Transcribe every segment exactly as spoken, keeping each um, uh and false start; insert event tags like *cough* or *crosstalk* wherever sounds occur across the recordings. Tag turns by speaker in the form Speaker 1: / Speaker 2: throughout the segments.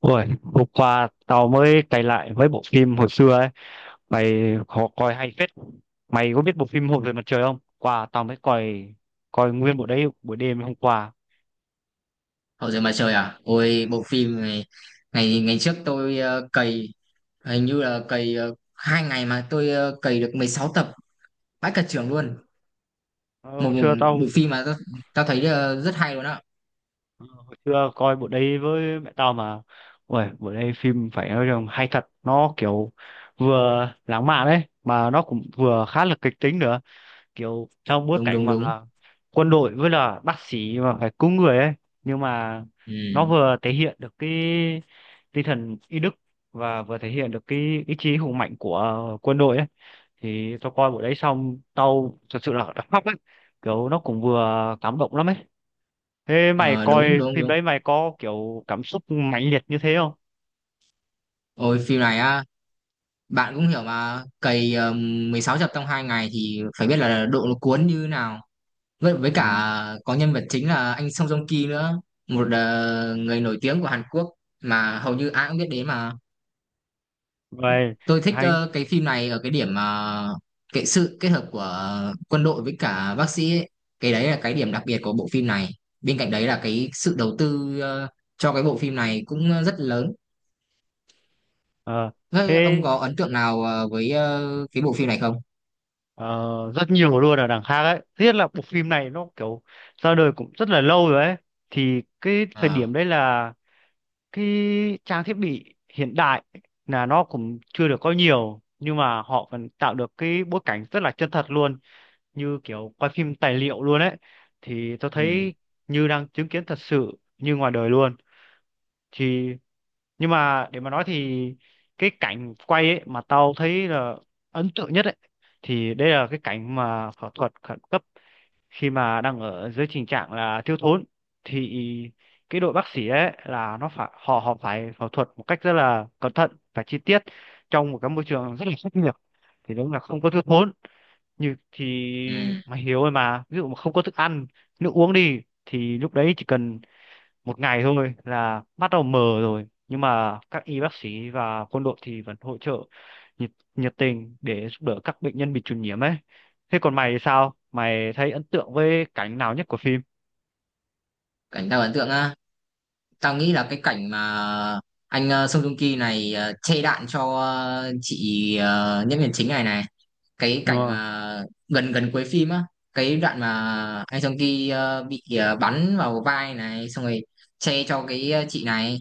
Speaker 1: Ôi, hôm qua tao mới cày lại mấy bộ phim hồi xưa ấy. Mày khó coi hay phết. Mày có biết bộ phim Hồn về mặt trời không? Qua tao mới coi coi nguyên bộ đấy buổi đêm hôm qua.
Speaker 2: Hậu duệ mặt trời à? Ôi bộ phim này ngày ngày trước tôi ờ, cày hình như là cày ờ, hai ngày mà tôi ờ, cày được mười sáu tập, vãi cả trưởng luôn.
Speaker 1: Ờ,
Speaker 2: Một,
Speaker 1: Hồi
Speaker 2: một
Speaker 1: xưa
Speaker 2: bộ
Speaker 1: tao
Speaker 2: phim mà tao, tao thấy ờ, rất hay luôn á.
Speaker 1: ờ, hồi xưa coi bộ đấy với mẹ tao mà. Ôi, bộ đấy phim phải nói rằng hay thật, nó kiểu vừa lãng mạn đấy mà nó cũng vừa khá là kịch tính nữa. Kiểu trong bối
Speaker 2: Đúng
Speaker 1: cảnh
Speaker 2: đúng đúng.
Speaker 1: mà quân đội với là bác sĩ mà phải cứu người ấy, nhưng mà
Speaker 2: Ừ.
Speaker 1: nó vừa thể hiện được cái tinh thần y đức và vừa thể hiện được cái ý chí hùng mạnh của quân đội ấy. Thì tao coi bộ đấy xong tao thật sự là *laughs* đã khóc ấy, kiểu nó cũng vừa cảm động lắm ấy. Thế mày
Speaker 2: Ờ,
Speaker 1: coi
Speaker 2: đúng đúng
Speaker 1: phim
Speaker 2: đúng.
Speaker 1: đấy mày có kiểu cảm xúc mãnh liệt như thế không?
Speaker 2: Ôi phim này á, bạn cũng hiểu mà cày ờ, mười sáu tập trong hai ngày thì phải biết là độ nó cuốn như thế nào. Với, với
Speaker 1: Ừ.
Speaker 2: cả có nhân vật chính là anh Song Joong Ki nữa, một ờ, người nổi tiếng của Hàn Quốc mà hầu như ai cũng biết đến mà.
Speaker 1: Vậy.
Speaker 2: Tôi thích
Speaker 1: Hay.
Speaker 2: ờ, cái phim này ở cái điểm mà cái sự kết hợp của ờ, quân đội với cả bác sĩ ấy. Cái đấy là cái điểm đặc biệt của bộ phim này, bên cạnh đấy là cái sự đầu tư ờ, cho cái bộ phim này cũng rất lớn.
Speaker 1: Ờ. Thế.
Speaker 2: Thế ông có ấn tượng nào ờ, với ờ, cái bộ phim này không?
Speaker 1: Ờ, rất nhiều luôn ở đằng khác ấy, tiếc là bộ phim này nó kiểu ra đời cũng rất là lâu rồi ấy. Thì cái thời
Speaker 2: Ờ,
Speaker 1: điểm đấy là cái trang thiết bị hiện đại là nó cũng chưa được có nhiều, nhưng mà họ vẫn tạo được cái bối cảnh rất là chân thật luôn, như kiểu quay phim tài liệu luôn ấy. Thì tôi
Speaker 2: ừ,
Speaker 1: thấy như đang chứng kiến thật sự như ngoài đời luôn. Thì nhưng mà để mà nói thì cái cảnh quay ấy mà tao thấy là ấn tượng nhất ấy, thì đây là cái cảnh mà phẫu thuật khẩn cấp khi mà đang ở dưới tình trạng là thiếu thốn. Thì cái đội bác sĩ ấy là nó phải họ họ phải phẫu thuật một cách rất là cẩn thận và chi tiết trong một cái môi trường rất là khắc nghiệt. Thì đúng là không có thiếu thốn như thì
Speaker 2: ừ.
Speaker 1: mày hiểu rồi mà, ví dụ mà không có thức ăn nước uống đi thì lúc đấy chỉ cần một ngày thôi là bắt đầu mờ rồi, nhưng mà các y bác sĩ và quân đội thì vẫn hỗ trợ nhiệt, nhiệt tình để giúp đỡ các bệnh nhân bị truyền nhiễm ấy. Thế còn mày thì sao, mày thấy ấn tượng với cảnh nào nhất của phim?
Speaker 2: Cảnh tao ấn tượng á, tao nghĩ là cái cảnh mà anh ờ, Song Joong Ki này ờ, chê đạn cho ờ, chị ờ, nhân viên chính này này, cái cảnh
Speaker 1: Ờ.
Speaker 2: mà gần gần cuối phim á, cái đoạn mà anh Song Ki ờ, bị ờ, bắn vào vai này xong rồi che cho cái ờ, chị này.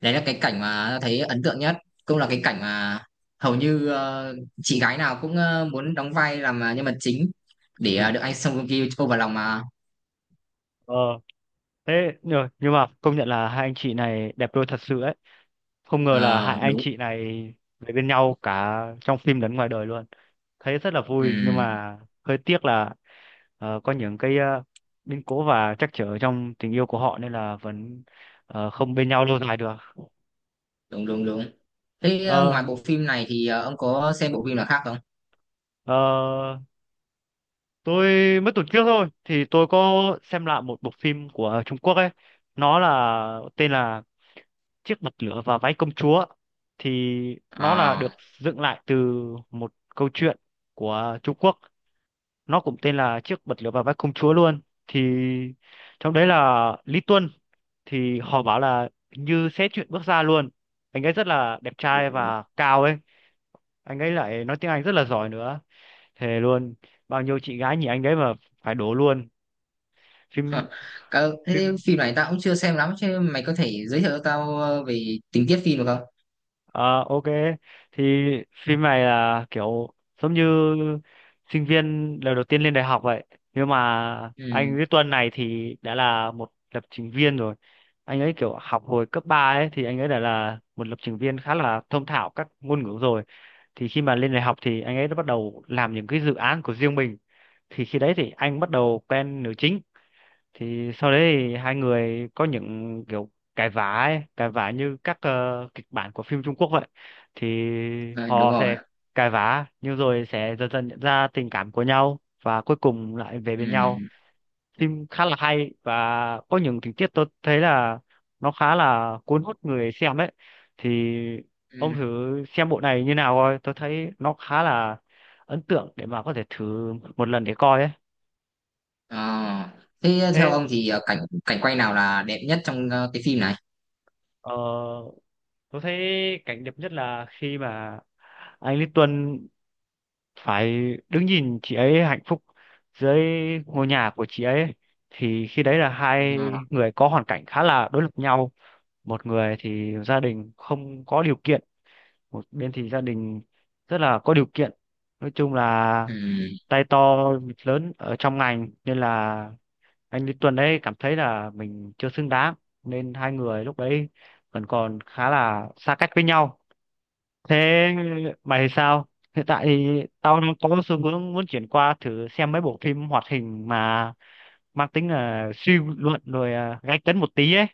Speaker 2: Đấy là cái cảnh mà tao thấy ấn tượng nhất, cũng là cái cảnh mà hầu như ờ, chị gái nào cũng ờ, muốn đóng vai làm ờ, nhân vật chính để ờ,
Speaker 1: Ừ.
Speaker 2: được anh Song Ki ôm vào lòng mà.
Speaker 1: Ờ. Thế nhưng nhưng mà công nhận là hai anh chị này đẹp đôi thật sự ấy. Không ngờ là hai
Speaker 2: Ờ,
Speaker 1: anh
Speaker 2: đúng,
Speaker 1: chị này về bên nhau cả trong phim lẫn ngoài đời luôn. Thấy rất là vui, nhưng
Speaker 2: ừ,
Speaker 1: mà hơi tiếc là ờ, có những cái ờ, biến cố và trắc trở trong tình yêu của họ nên là vẫn ờ, không bên nhau lâu dài được.
Speaker 2: đúng đúng đúng. Thế ờ,
Speaker 1: Ờ,
Speaker 2: ngoài bộ phim này thì ờ, ông có xem bộ phim nào khác không?
Speaker 1: ờ, tôi mới tuần trước thôi thì tôi có xem lại một bộ phim của Trung Quốc ấy. Nó là tên là chiếc bật lửa và váy công chúa. Thì nó là
Speaker 2: À.
Speaker 1: được dựng lại từ một câu chuyện của Trung Quốc, nó cũng tên là chiếc bật lửa và váy công chúa luôn. Thì trong đấy là Lý Tuân, thì họ bảo là như sẽ chuyện bước ra luôn. Anh ấy rất là đẹp trai và cao ấy, anh ấy lại nói tiếng Anh rất là giỏi nữa, thề luôn. Bao nhiêu chị gái nhìn anh ấy mà phải đổ luôn. Phim.
Speaker 2: *laughs* Cả, thế
Speaker 1: Phim.
Speaker 2: phim này tao cũng chưa xem lắm, chứ mày có thể giới thiệu cho tao ờ, về tình tiết phim được không?
Speaker 1: Ờ, ok, thì phim này là kiểu giống như sinh viên lần đầu tiên lên đại học vậy, nhưng mà anh
Speaker 2: Ừ.
Speaker 1: với Tuân này thì đã là một lập trình viên rồi. Anh ấy kiểu học hồi cấp ba ấy, thì anh ấy đã là một lập trình viên khá là thông thạo các ngôn ngữ rồi. Thì khi mà lên đại học thì anh ấy đã bắt đầu làm những cái dự án của riêng mình. Thì khi đấy thì anh bắt đầu quen nữ chính. Thì sau đấy thì hai người có những kiểu cãi vã ấy, cãi vã như các ờ, kịch bản của phim Trung Quốc vậy. Thì
Speaker 2: À, đúng
Speaker 1: họ
Speaker 2: rồi.
Speaker 1: sẽ cãi vã nhưng rồi sẽ dần dần nhận ra tình cảm của nhau và cuối cùng lại về
Speaker 2: Ừ.
Speaker 1: bên nhau. Phim khá là hay và có những tình tiết tôi thấy là nó khá là cuốn hút người xem ấy. Thì
Speaker 2: Ừ.
Speaker 1: ông thử xem bộ này như nào coi, tôi thấy nó khá là ấn tượng để mà có thể thử một lần để coi ấy.
Speaker 2: À, thế theo
Speaker 1: Thế.
Speaker 2: ông thì ờ, cảnh cảnh quay nào là đẹp nhất trong ờ, cái phim này?
Speaker 1: Ờ, tôi thấy cảnh đẹp nhất là khi mà anh Lý Tuân phải đứng nhìn chị ấy hạnh phúc dưới ngôi nhà của chị ấy. Thì khi đấy là
Speaker 2: Ờ.
Speaker 1: hai người có hoàn cảnh khá là đối lập nhau, một người thì gia đình không có điều kiện, một bên thì gia đình rất là có điều kiện. Nói chung là
Speaker 2: Ừ.
Speaker 1: tay to mặt lớn ở trong ngành nên là anh Lý Tuấn ấy cảm thấy là mình chưa xứng đáng, nên hai người lúc đấy vẫn còn khá là xa cách với nhau. Thế mày thì sao? Hiện tại thì tao đang có xu hướng muốn chuyển qua thử xem mấy bộ phim hoạt hình mà mang tính là suy luận rồi à, gay cấn một tí ấy.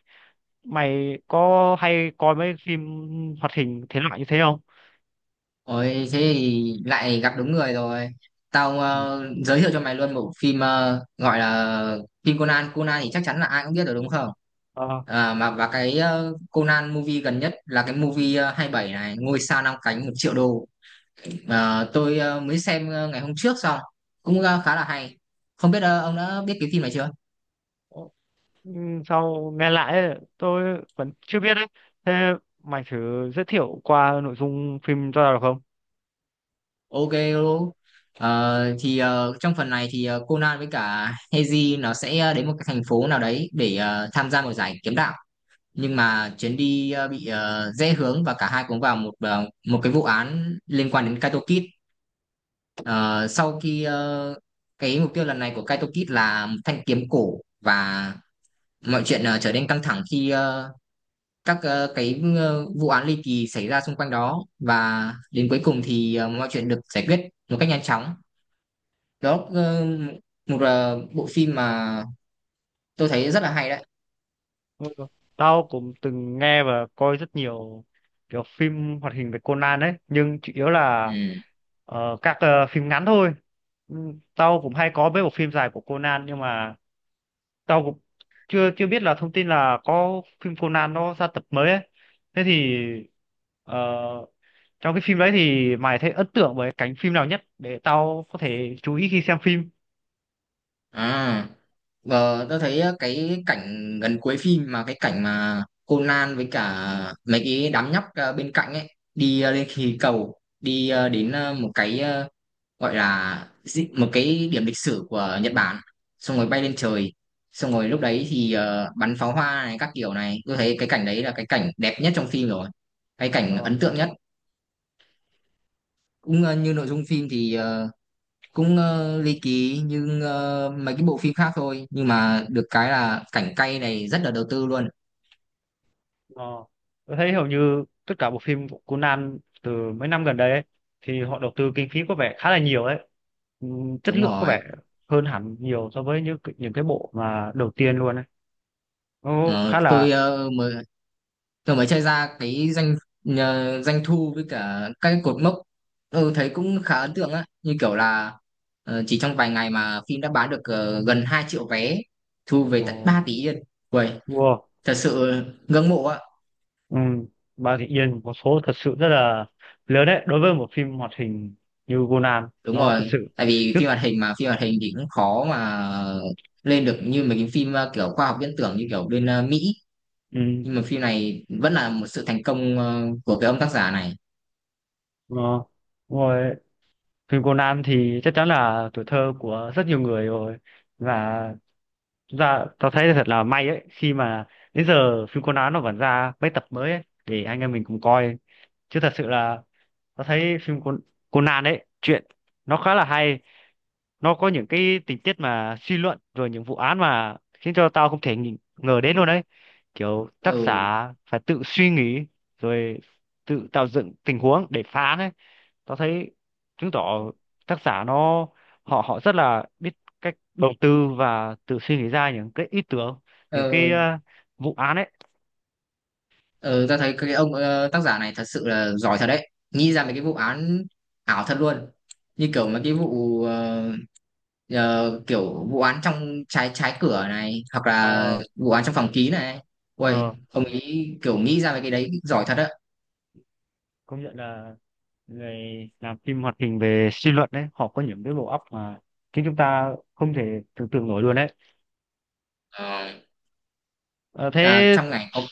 Speaker 1: Mày có hay coi mấy phim hoạt hình thế loại như thế không?
Speaker 2: Ôi thế thì lại gặp đúng người rồi. Tao
Speaker 1: Ừ.
Speaker 2: ờ, giới thiệu cho mày luôn bộ phim ờ, gọi là phim Conan. Conan thì chắc chắn là ai cũng biết rồi đúng không?
Speaker 1: Ờ,
Speaker 2: À, mà và cái ờ, Conan movie gần nhất là cái movie ờ, hai mươi bảy này, ngôi sao năm cánh một triệu đô. Ờ, tôi ờ, mới xem ờ, ngày hôm trước xong, cũng ờ, khá là hay, không biết ờ, ông đã biết cái phim này chưa.
Speaker 1: ừ, sau nghe lại ấy, tôi vẫn chưa biết đấy. Thế mày thử giới thiệu qua nội dung phim cho tao được không?
Speaker 2: Ok luôn. Ờ, thì ờ, trong phần này thì ờ, Conan với cả Heiji nó sẽ ờ, đến một cái thành phố nào đấy để ờ, tham gia một giải kiếm đạo, nhưng mà chuyến đi ờ, bị ờ, rẽ hướng và cả hai cũng vào một ờ, một cái vụ án liên quan đến Kaito Kid. Ờ, sau khi ờ, cái mục tiêu lần này của Kaito Kid là một thanh kiếm cổ, và mọi chuyện ờ, trở nên căng thẳng khi ờ, các ờ, cái ờ, vụ án ly kỳ xảy ra xung quanh đó, và đến cuối cùng thì ờ, mọi chuyện được giải quyết một cách nhanh chóng. Đó, ờ, một ờ, bộ phim mà tôi thấy rất là hay đấy.
Speaker 1: Ừ. Tao cũng từng nghe và coi rất nhiều kiểu phim hoạt hình về Conan ấy, nhưng chủ yếu là
Speaker 2: Ừ.
Speaker 1: ờ, các ờ, phim ngắn thôi. Ừ, tao cũng hay có mấy bộ phim dài của Conan, nhưng mà tao cũng chưa chưa biết là thông tin là có phim Conan nó ra tập mới ấy. Thế thì ờ, trong cái phim đấy thì mày thấy ấn tượng với cánh phim nào nhất để tao có thể chú ý khi xem phim?
Speaker 2: À, và tôi thấy ờ, cái cảnh gần cuối phim mà cái cảnh mà Conan với cả mấy cái đám nhóc ờ, bên cạnh ấy, đi ờ, lên khí cầu đi ờ, đến ờ, một cái ờ, gọi là dị- một cái điểm lịch sử của Nhật Bản, xong rồi bay lên trời, xong rồi lúc đấy thì ờ, bắn pháo hoa này các kiểu này, tôi thấy cái cảnh đấy là cái cảnh đẹp nhất trong phim rồi, cái cảnh
Speaker 1: Ờ.
Speaker 2: ấn tượng nhất. Cũng ờ, như nội dung phim thì ờ, cũng ờ, ly kỳ như ờ, mấy cái bộ phim khác thôi, nhưng mà được cái là cảnh cay này rất là đầu tư luôn.
Speaker 1: Ờ. Tôi thấy hầu như tất cả bộ phim của Conan từ mấy năm gần đây ấy, thì họ đầu tư kinh phí có vẻ khá là nhiều đấy. Ừm, Chất
Speaker 2: Đúng
Speaker 1: lượng có
Speaker 2: rồi.
Speaker 1: vẻ hơn hẳn nhiều so với những cái- những cái bộ mà đầu tiên luôn ấy. Nó khá
Speaker 2: Ờ,
Speaker 1: là,
Speaker 2: tôi ờ, mới tôi mới chơi ra cái doanh nhờ- doanh thu với cả các cái cột mốc, ừ, thấy cũng khá ấn tượng á, như kiểu là ờ, chỉ trong vài ngày mà phim đã bán được ờ, gần hai triệu vé, thu về
Speaker 1: ờ,
Speaker 2: tận ba tỷ yên. Uầy,
Speaker 1: wow.
Speaker 2: thật sự ngưỡng mộ á.
Speaker 1: Um, Bà Thị Yên có số thật sự rất là lớn đấy đối với một phim hoạt hình như Conan,
Speaker 2: Đúng
Speaker 1: nó thật
Speaker 2: rồi,
Speaker 1: sự
Speaker 2: tại vì
Speaker 1: rất.
Speaker 2: phim hoạt hình mà phim hoạt hình thì cũng khó mà lên được như mấy cái phim ờ, kiểu khoa học viễn tưởng như kiểu bên ờ, Mỹ, nhưng mà phim này vẫn là một sự thành công ờ, của cái ông tác giả này.
Speaker 1: Um, Phim Conan thì chắc chắn là tuổi thơ của rất nhiều người rồi. Và chúng ta tao thấy thật là may ấy khi mà đến giờ phim Conan nó vẫn ra mấy tập mới ấy, để anh em mình cùng coi. Chứ thật sự là tao thấy phim Con- Conan ấy chuyện nó khá là hay. Nó có những cái tình tiết mà suy luận rồi những vụ án mà khiến cho tao không thể nghĩ- ngờ đến luôn đấy. Kiểu tác giả
Speaker 2: Ừ.
Speaker 1: phải tự suy nghĩ rồi tự tạo dựng tình huống để phá án ấy. Tao thấy chứng tỏ tác giả nó họ họ rất là biết cách đầu tư và tự suy nghĩ ra những cái ý tưởng, những cái
Speaker 2: Ừ.
Speaker 1: ờ, vụ án ấy.
Speaker 2: Ừ, ta thấy cái ông ờ, tác giả này thật sự là giỏi thật đấy, nghĩ ra mấy cái vụ án ảo thật luôn, như kiểu mấy cái vụ ờ, ờ, kiểu vụ án trong trái trái cửa này hoặc là
Speaker 1: Ờ,
Speaker 2: vụ án trong phòng ký này, ui
Speaker 1: ờ,
Speaker 2: ông ấy kiểu nghĩ ra mấy cái đấy giỏi thật á.
Speaker 1: công nhận là người làm phim hoạt hình về suy luận đấy họ có những cái bộ óc mà chính chúng ta không thể tưởng tượng nổi luôn đấy.
Speaker 2: Ờ.
Speaker 1: Ờ,
Speaker 2: À,
Speaker 1: thế
Speaker 2: trong ngành ông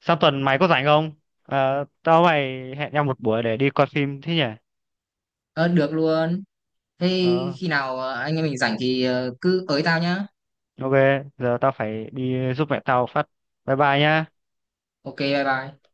Speaker 1: sang tuần mày có rảnh không? Ờ, tao mày hẹn nhau một buổi để đi coi phim thế nhỉ.
Speaker 2: ờ, được luôn, thế
Speaker 1: Ờ,
Speaker 2: khi nào ờ, anh em mình rảnh thì ờ, cứ tới tao nhá.
Speaker 1: ok. Giờ tao phải đi giúp mẹ tao phát, bye bye nhá.
Speaker 2: Ok, bye bye.